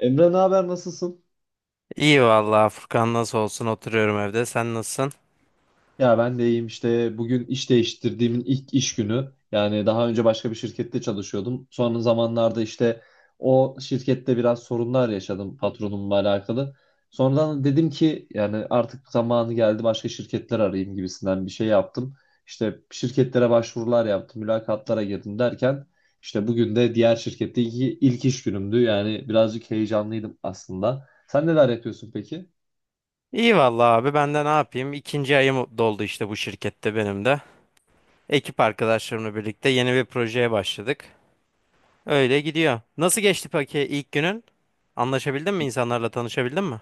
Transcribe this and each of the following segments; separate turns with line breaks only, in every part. Emre ne haber nasılsın?
İyi vallahi Furkan nasıl olsun oturuyorum evde. Sen nasılsın?
Ya ben de iyiyim işte bugün iş değiştirdiğimin ilk iş günü. Yani daha önce başka bir şirkette çalışıyordum. Son zamanlarda işte o şirkette biraz sorunlar yaşadım patronumla alakalı. Sonradan dedim ki yani artık zamanı geldi başka şirketler arayayım gibisinden bir şey yaptım. İşte şirketlere başvurular yaptım, mülakatlara girdim derken işte bugün de diğer şirketteki ilk iş günümdü. Yani birazcık heyecanlıydım aslında. Sen neler yapıyorsun peki?
İyi vallahi abi ben de ne yapayım? İkinci ayım doldu işte bu şirkette benim de. Ekip arkadaşlarımla birlikte yeni bir projeye başladık. Öyle gidiyor. Nasıl geçti peki ilk günün? Anlaşabildin mi insanlarla tanışabildin mi?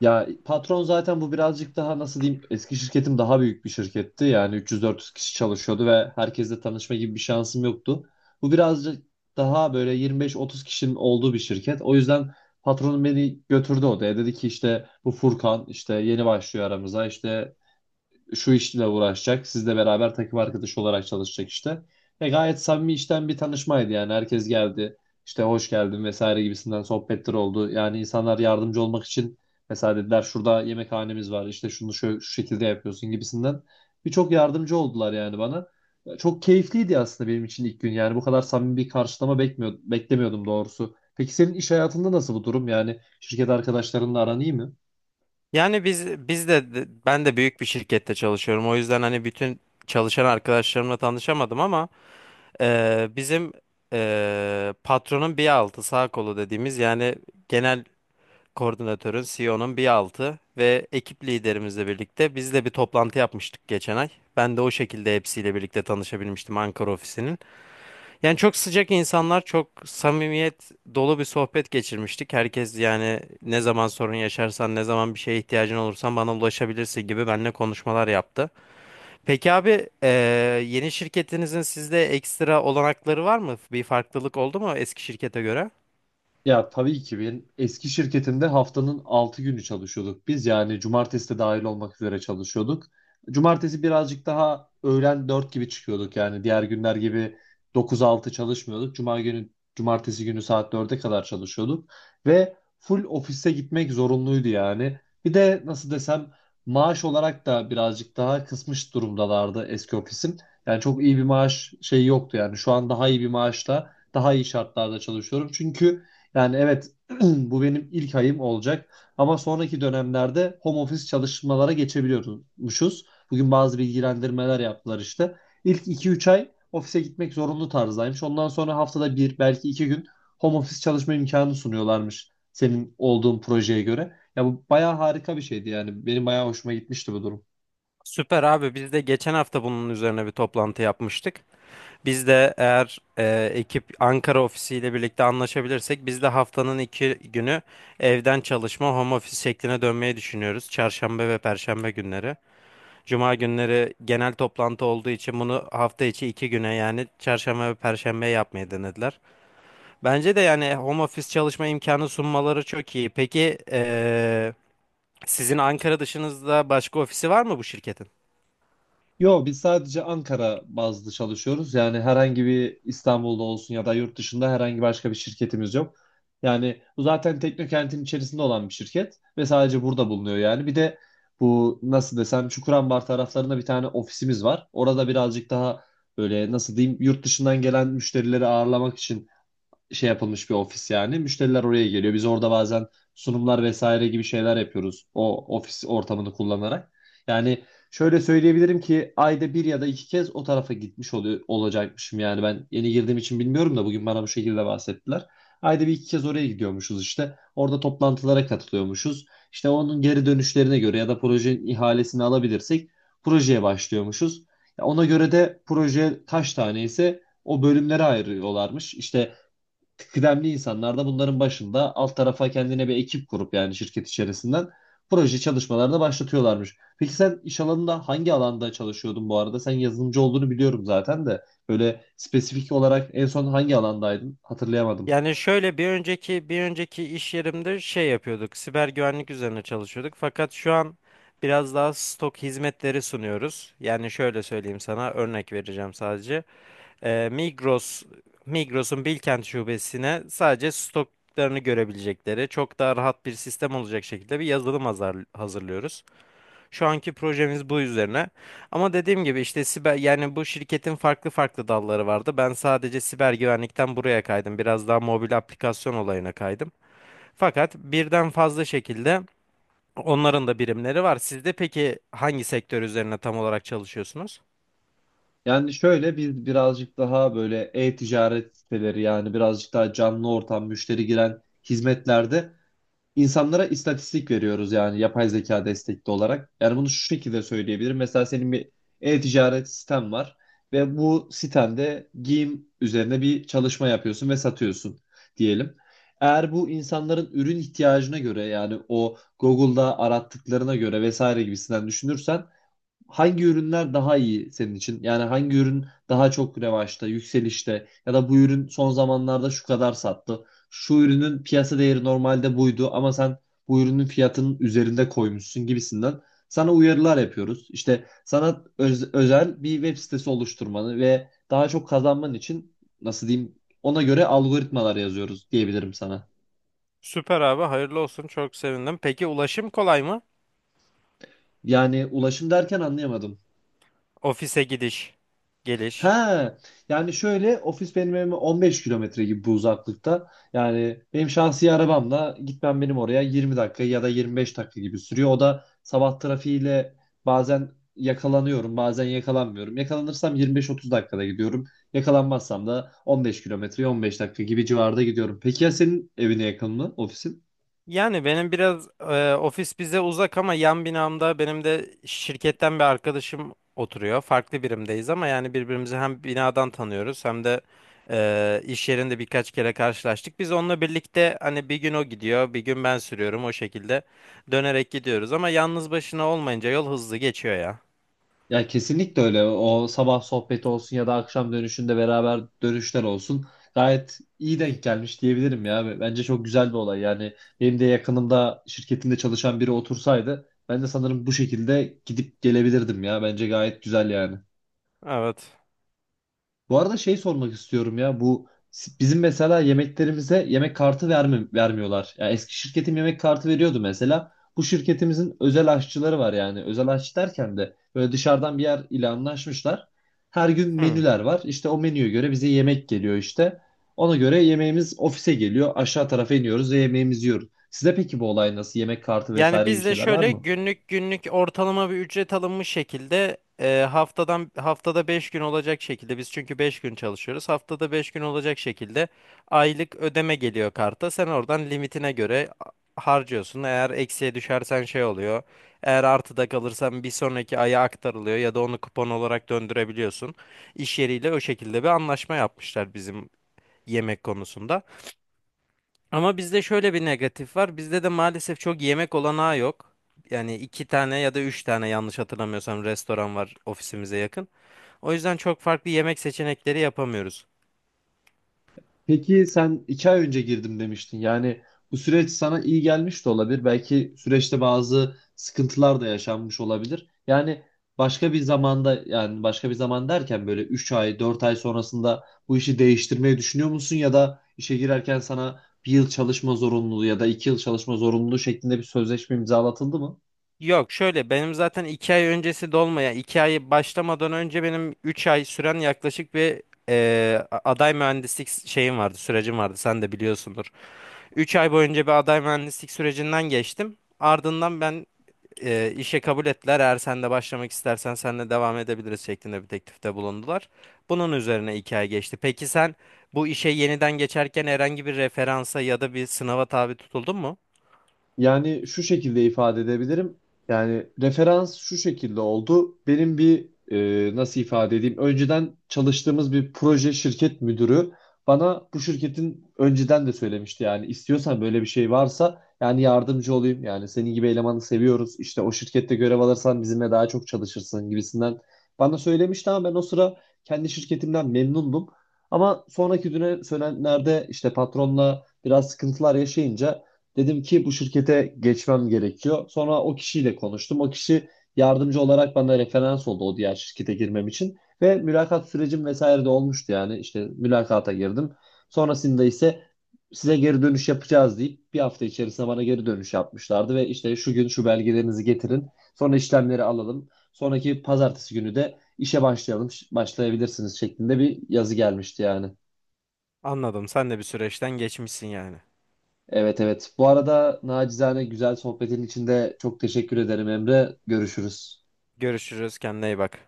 Ya patron zaten bu birazcık daha nasıl diyeyim eski şirketim daha büyük bir şirketti. Yani 300-400 kişi çalışıyordu ve herkesle tanışma gibi bir şansım yoktu. Bu birazcık daha böyle 25-30 kişinin olduğu bir şirket. O yüzden patronum beni götürdü odaya. Dedi ki işte bu Furkan işte yeni başlıyor aramıza işte şu işle uğraşacak. Sizle beraber takım arkadaşı olarak çalışacak işte. Ve gayet samimi işten bir tanışmaydı yani. Herkes geldi. İşte hoş geldin vesaire gibisinden sohbetler oldu. Yani insanlar yardımcı olmak için mesela dediler şurada yemekhanemiz var. İşte şunu şu şekilde yapıyorsun gibisinden. Birçok yardımcı oldular yani bana. Çok keyifliydi aslında benim için ilk gün. Yani bu kadar samimi bir karşılama beklemiyordum doğrusu. Peki senin iş hayatında nasıl bu durum? Yani şirket arkadaşlarınla aran iyi mi?
Yani biz de ben de büyük bir şirkette çalışıyorum. O yüzden hani bütün çalışan arkadaşlarımla tanışamadım ama bizim patronun bir altı sağ kolu dediğimiz yani genel koordinatörün, CEO'nun bir altı ve ekip liderimizle birlikte biz de bir toplantı yapmıştık geçen ay. Ben de o şekilde hepsiyle birlikte tanışabilmiştim Ankara ofisinin. Yani çok sıcak insanlar, çok samimiyet dolu bir sohbet geçirmiştik. Herkes yani ne zaman sorun yaşarsan, ne zaman bir şeye ihtiyacın olursan bana ulaşabilirsin gibi benimle konuşmalar yaptı. Peki abi, yeni şirketinizin sizde ekstra olanakları var mı? Bir farklılık oldu mu eski şirkete göre?
Ya tabii ki benim eski şirketimde haftanın 6 günü çalışıyorduk biz. Yani cumartesi de dahil olmak üzere çalışıyorduk. Cumartesi birazcık daha öğlen 4 gibi çıkıyorduk. Yani diğer günler gibi 9-6 çalışmıyorduk. Cuma günü, cumartesi günü saat 4'e kadar çalışıyorduk. Ve full ofise gitmek zorunluydu yani. Bir de nasıl desem maaş olarak da birazcık daha kısmış durumdalardı eski ofisim. Yani çok iyi bir maaş şeyi yoktu yani. Şu an daha iyi bir maaşla daha iyi şartlarda çalışıyorum. Çünkü yani evet bu benim ilk ayım olacak ama sonraki dönemlerde home office çalışmalara geçebiliyormuşuz. Bugün bazı bilgilendirmeler yaptılar işte. İlk 2-3 ay ofise gitmek zorunlu tarzdaymış. Ondan sonra haftada bir belki iki gün home office çalışma imkanı sunuyorlarmış senin olduğun projeye göre. Ya bu bayağı harika bir şeydi yani. Benim bayağı hoşuma gitmişti bu durum.
Süper abi, biz de geçen hafta bunun üzerine bir toplantı yapmıştık. Biz de eğer ekip Ankara ofisiyle birlikte anlaşabilirsek biz de haftanın iki günü evden çalışma home office şekline dönmeyi düşünüyoruz. Çarşamba ve Perşembe günleri. Cuma günleri genel toplantı olduğu için bunu hafta içi iki güne yani Çarşamba ve Perşembe yapmayı denediler. Bence de yani home office çalışma imkanı sunmaları çok iyi. Peki sizin Ankara dışınızda başka ofisi var mı bu şirketin?
Yo, biz sadece Ankara bazlı çalışıyoruz. Yani herhangi bir İstanbul'da olsun ya da yurt dışında herhangi başka bir şirketimiz yok. Yani bu zaten Teknokent'in içerisinde olan bir şirket ve sadece burada bulunuyor yani. Bir de bu nasıl desem Çukurambar taraflarında bir tane ofisimiz var. Orada birazcık daha böyle nasıl diyeyim yurt dışından gelen müşterileri ağırlamak için şey yapılmış bir ofis yani. Müşteriler oraya geliyor. Biz orada bazen sunumlar vesaire gibi şeyler yapıyoruz o ofis ortamını kullanarak. Yani şöyle söyleyebilirim ki ayda bir ya da iki kez o tarafa gitmiş oluyor, olacakmışım yani. Ben yeni girdiğim için bilmiyorum da bugün bana bu şekilde bahsettiler. Ayda bir iki kez oraya gidiyormuşuz işte. Orada toplantılara katılıyormuşuz. İşte onun geri dönüşlerine göre ya da projenin ihalesini alabilirsek projeye başlıyormuşuz. Ya ona göre de proje kaç tane ise o bölümlere ayırıyorlarmış. İşte kıdemli insanlar da bunların başında alt tarafa kendine bir ekip kurup yani şirket içerisinden proje çalışmalarına başlatıyorlarmış. Peki sen iş alanında hangi alanda çalışıyordun bu arada? Sen yazılımcı olduğunu biliyorum zaten de böyle spesifik olarak en son hangi alandaydın? Hatırlayamadım.
Yani şöyle bir önceki iş yerimde şey yapıyorduk. Siber güvenlik üzerine çalışıyorduk. Fakat şu an biraz daha stok hizmetleri sunuyoruz. Yani şöyle söyleyeyim sana, örnek vereceğim sadece. Ee, Migros Migros'un Bilkent şubesine sadece stoklarını görebilecekleri çok daha rahat bir sistem olacak şekilde bir yazılım hazırlıyoruz. Şu anki projemiz bu üzerine. Ama dediğim gibi işte siber, yani bu şirketin farklı farklı dalları vardı. Ben sadece siber güvenlikten buraya kaydım. Biraz daha mobil aplikasyon olayına kaydım. Fakat birden fazla şekilde onların da birimleri var. Siz de peki hangi sektör üzerine tam olarak çalışıyorsunuz?
Yani şöyle biz birazcık daha böyle e-ticaret siteleri yani birazcık daha canlı ortam müşteri giren hizmetlerde insanlara istatistik veriyoruz yani yapay zeka destekli olarak. Yani bunu şu şekilde söyleyebilirim. Mesela senin bir e-ticaret siten var ve bu sitende giyim üzerine bir çalışma yapıyorsun ve satıyorsun diyelim. Eğer bu insanların ürün ihtiyacına göre yani o Google'da arattıklarına göre vesaire gibisinden düşünürsen hangi ürünler daha iyi senin için? Yani hangi ürün daha çok revaçta, yükselişte ya da bu ürün son zamanlarda şu kadar sattı. Şu ürünün piyasa değeri normalde buydu ama sen bu ürünün fiyatının üzerinde koymuşsun gibisinden sana uyarılar yapıyoruz. İşte sana özel bir web sitesi oluşturmanı ve daha çok kazanman için nasıl diyeyim ona göre algoritmalar yazıyoruz diyebilirim sana.
Süper abi, hayırlı olsun. Çok sevindim. Peki ulaşım kolay mı?
Yani ulaşım derken anlayamadım.
Ofise gidiş, geliş.
Ha, yani şöyle ofis benim evime 15 kilometre gibi bu uzaklıkta. Yani benim şahsi arabamla gitmem benim oraya 20 dakika ya da 25 dakika gibi sürüyor. O da sabah trafiğiyle bazen yakalanıyorum, bazen yakalanmıyorum. Yakalanırsam 25-30 dakikada gidiyorum. Yakalanmazsam da 15 kilometre, 15 dakika gibi civarda gidiyorum. Peki ya senin evine yakın mı ofisin?
Yani benim biraz ofis bize uzak ama yan binamda benim de şirketten bir arkadaşım oturuyor. Farklı birimdeyiz ama yani birbirimizi hem binadan tanıyoruz hem de iş yerinde birkaç kere karşılaştık. Biz onunla birlikte hani bir gün o gidiyor, bir gün ben sürüyorum, o şekilde dönerek gidiyoruz. Ama yalnız başına olmayınca yol hızlı geçiyor ya.
Ya kesinlikle öyle. O sabah sohbeti olsun ya da akşam dönüşünde beraber dönüşler olsun. Gayet iyi denk gelmiş diyebilirim ya. Bence çok güzel bir olay. Yani benim de yakınımda şirketinde çalışan biri otursaydı ben de sanırım bu şekilde gidip gelebilirdim ya. Bence gayet güzel yani.
Evet.
Bu arada şey sormak istiyorum ya bu bizim mesela yemeklerimize yemek kartı vermiyorlar. Ya eski şirketim yemek kartı veriyordu mesela. Bu şirketimizin özel aşçıları var yani. Özel aşçı derken de böyle dışarıdan bir yer ile anlaşmışlar. Her gün
Hmm.
menüler var. İşte o menüye göre bize yemek geliyor işte. Ona göre yemeğimiz ofise geliyor. Aşağı tarafa iniyoruz ve yemeğimizi yiyoruz. Size peki bu olay nasıl? Yemek kartı
Yani
vesaire gibi
biz de
şeyler var
şöyle
mı?
günlük ortalama bir ücret alınmış şekilde haftadan haftada 5 gün olacak şekilde, biz çünkü 5 gün çalışıyoruz. Haftada 5 gün olacak şekilde aylık ödeme geliyor karta. Sen oradan limitine göre harcıyorsun. Eğer eksiye düşersen şey oluyor. Eğer artıda kalırsan bir sonraki aya aktarılıyor ya da onu kupon olarak döndürebiliyorsun. İş yeriyle o şekilde bir anlaşma yapmışlar bizim yemek konusunda. Ama bizde şöyle bir negatif var. Bizde de maalesef çok yemek olanağı yok. Yani iki tane ya da üç tane, yanlış hatırlamıyorsam, restoran var ofisimize yakın. O yüzden çok farklı yemek seçenekleri yapamıyoruz.
Peki sen 2 ay önce girdim demiştin. Yani bu süreç sana iyi gelmiş de olabilir. Belki süreçte bazı sıkıntılar da yaşanmış olabilir. Yani başka bir zamanda yani başka bir zaman derken böyle 3 ay 4 ay sonrasında bu işi değiştirmeyi düşünüyor musun? Ya da işe girerken sana bir yıl çalışma zorunluluğu ya da 2 yıl çalışma zorunluluğu şeklinde bir sözleşme imzalatıldı mı?
Yok, şöyle, benim zaten iki ay öncesi dolmaya, iki ay başlamadan önce benim üç ay süren yaklaşık bir aday mühendislik şeyim vardı, sürecim vardı, sen de biliyorsundur. Üç ay boyunca bir aday mühendislik sürecinden geçtim. Ardından ben işe kabul ettiler. Eğer sen de başlamak istersen senle devam edebiliriz şeklinde bir teklifte bulundular. Bunun üzerine iki ay geçti. Peki sen bu işe yeniden geçerken herhangi bir referansa ya da bir sınava tabi tutuldun mu?
Yani şu şekilde ifade edebilirim. Yani referans şu şekilde oldu. Benim bir nasıl ifade edeyim? Önceden çalıştığımız bir proje şirket müdürü bana bu şirketin önceden de söylemişti. Yani istiyorsan böyle bir şey varsa yani yardımcı olayım. Yani senin gibi elemanı seviyoruz. İşte o şirkette görev alırsan bizimle daha çok çalışırsın gibisinden bana söylemişti ama ben o sıra kendi şirketimden memnundum. Ama sonraki güne söylenenlerde işte patronla biraz sıkıntılar yaşayınca dedim ki bu şirkete geçmem gerekiyor. Sonra o kişiyle konuştum. O kişi yardımcı olarak bana referans oldu o diğer şirkete girmem için. Ve mülakat sürecim vesaire de olmuştu yani. İşte mülakata girdim. Sonrasında ise size geri dönüş yapacağız deyip bir hafta içerisinde bana geri dönüş yapmışlardı. Ve işte şu gün şu belgelerinizi getirin. Sonra işlemleri alalım. Sonraki pazartesi günü de işe başlayalım, başlayabilirsiniz şeklinde bir yazı gelmişti yani.
Anladım. Sen de bir süreçten geçmişsin yani.
Evet evet. Bu arada nacizane güzel sohbetin içinde çok teşekkür ederim Emre. Görüşürüz.
Görüşürüz. Kendine iyi bak.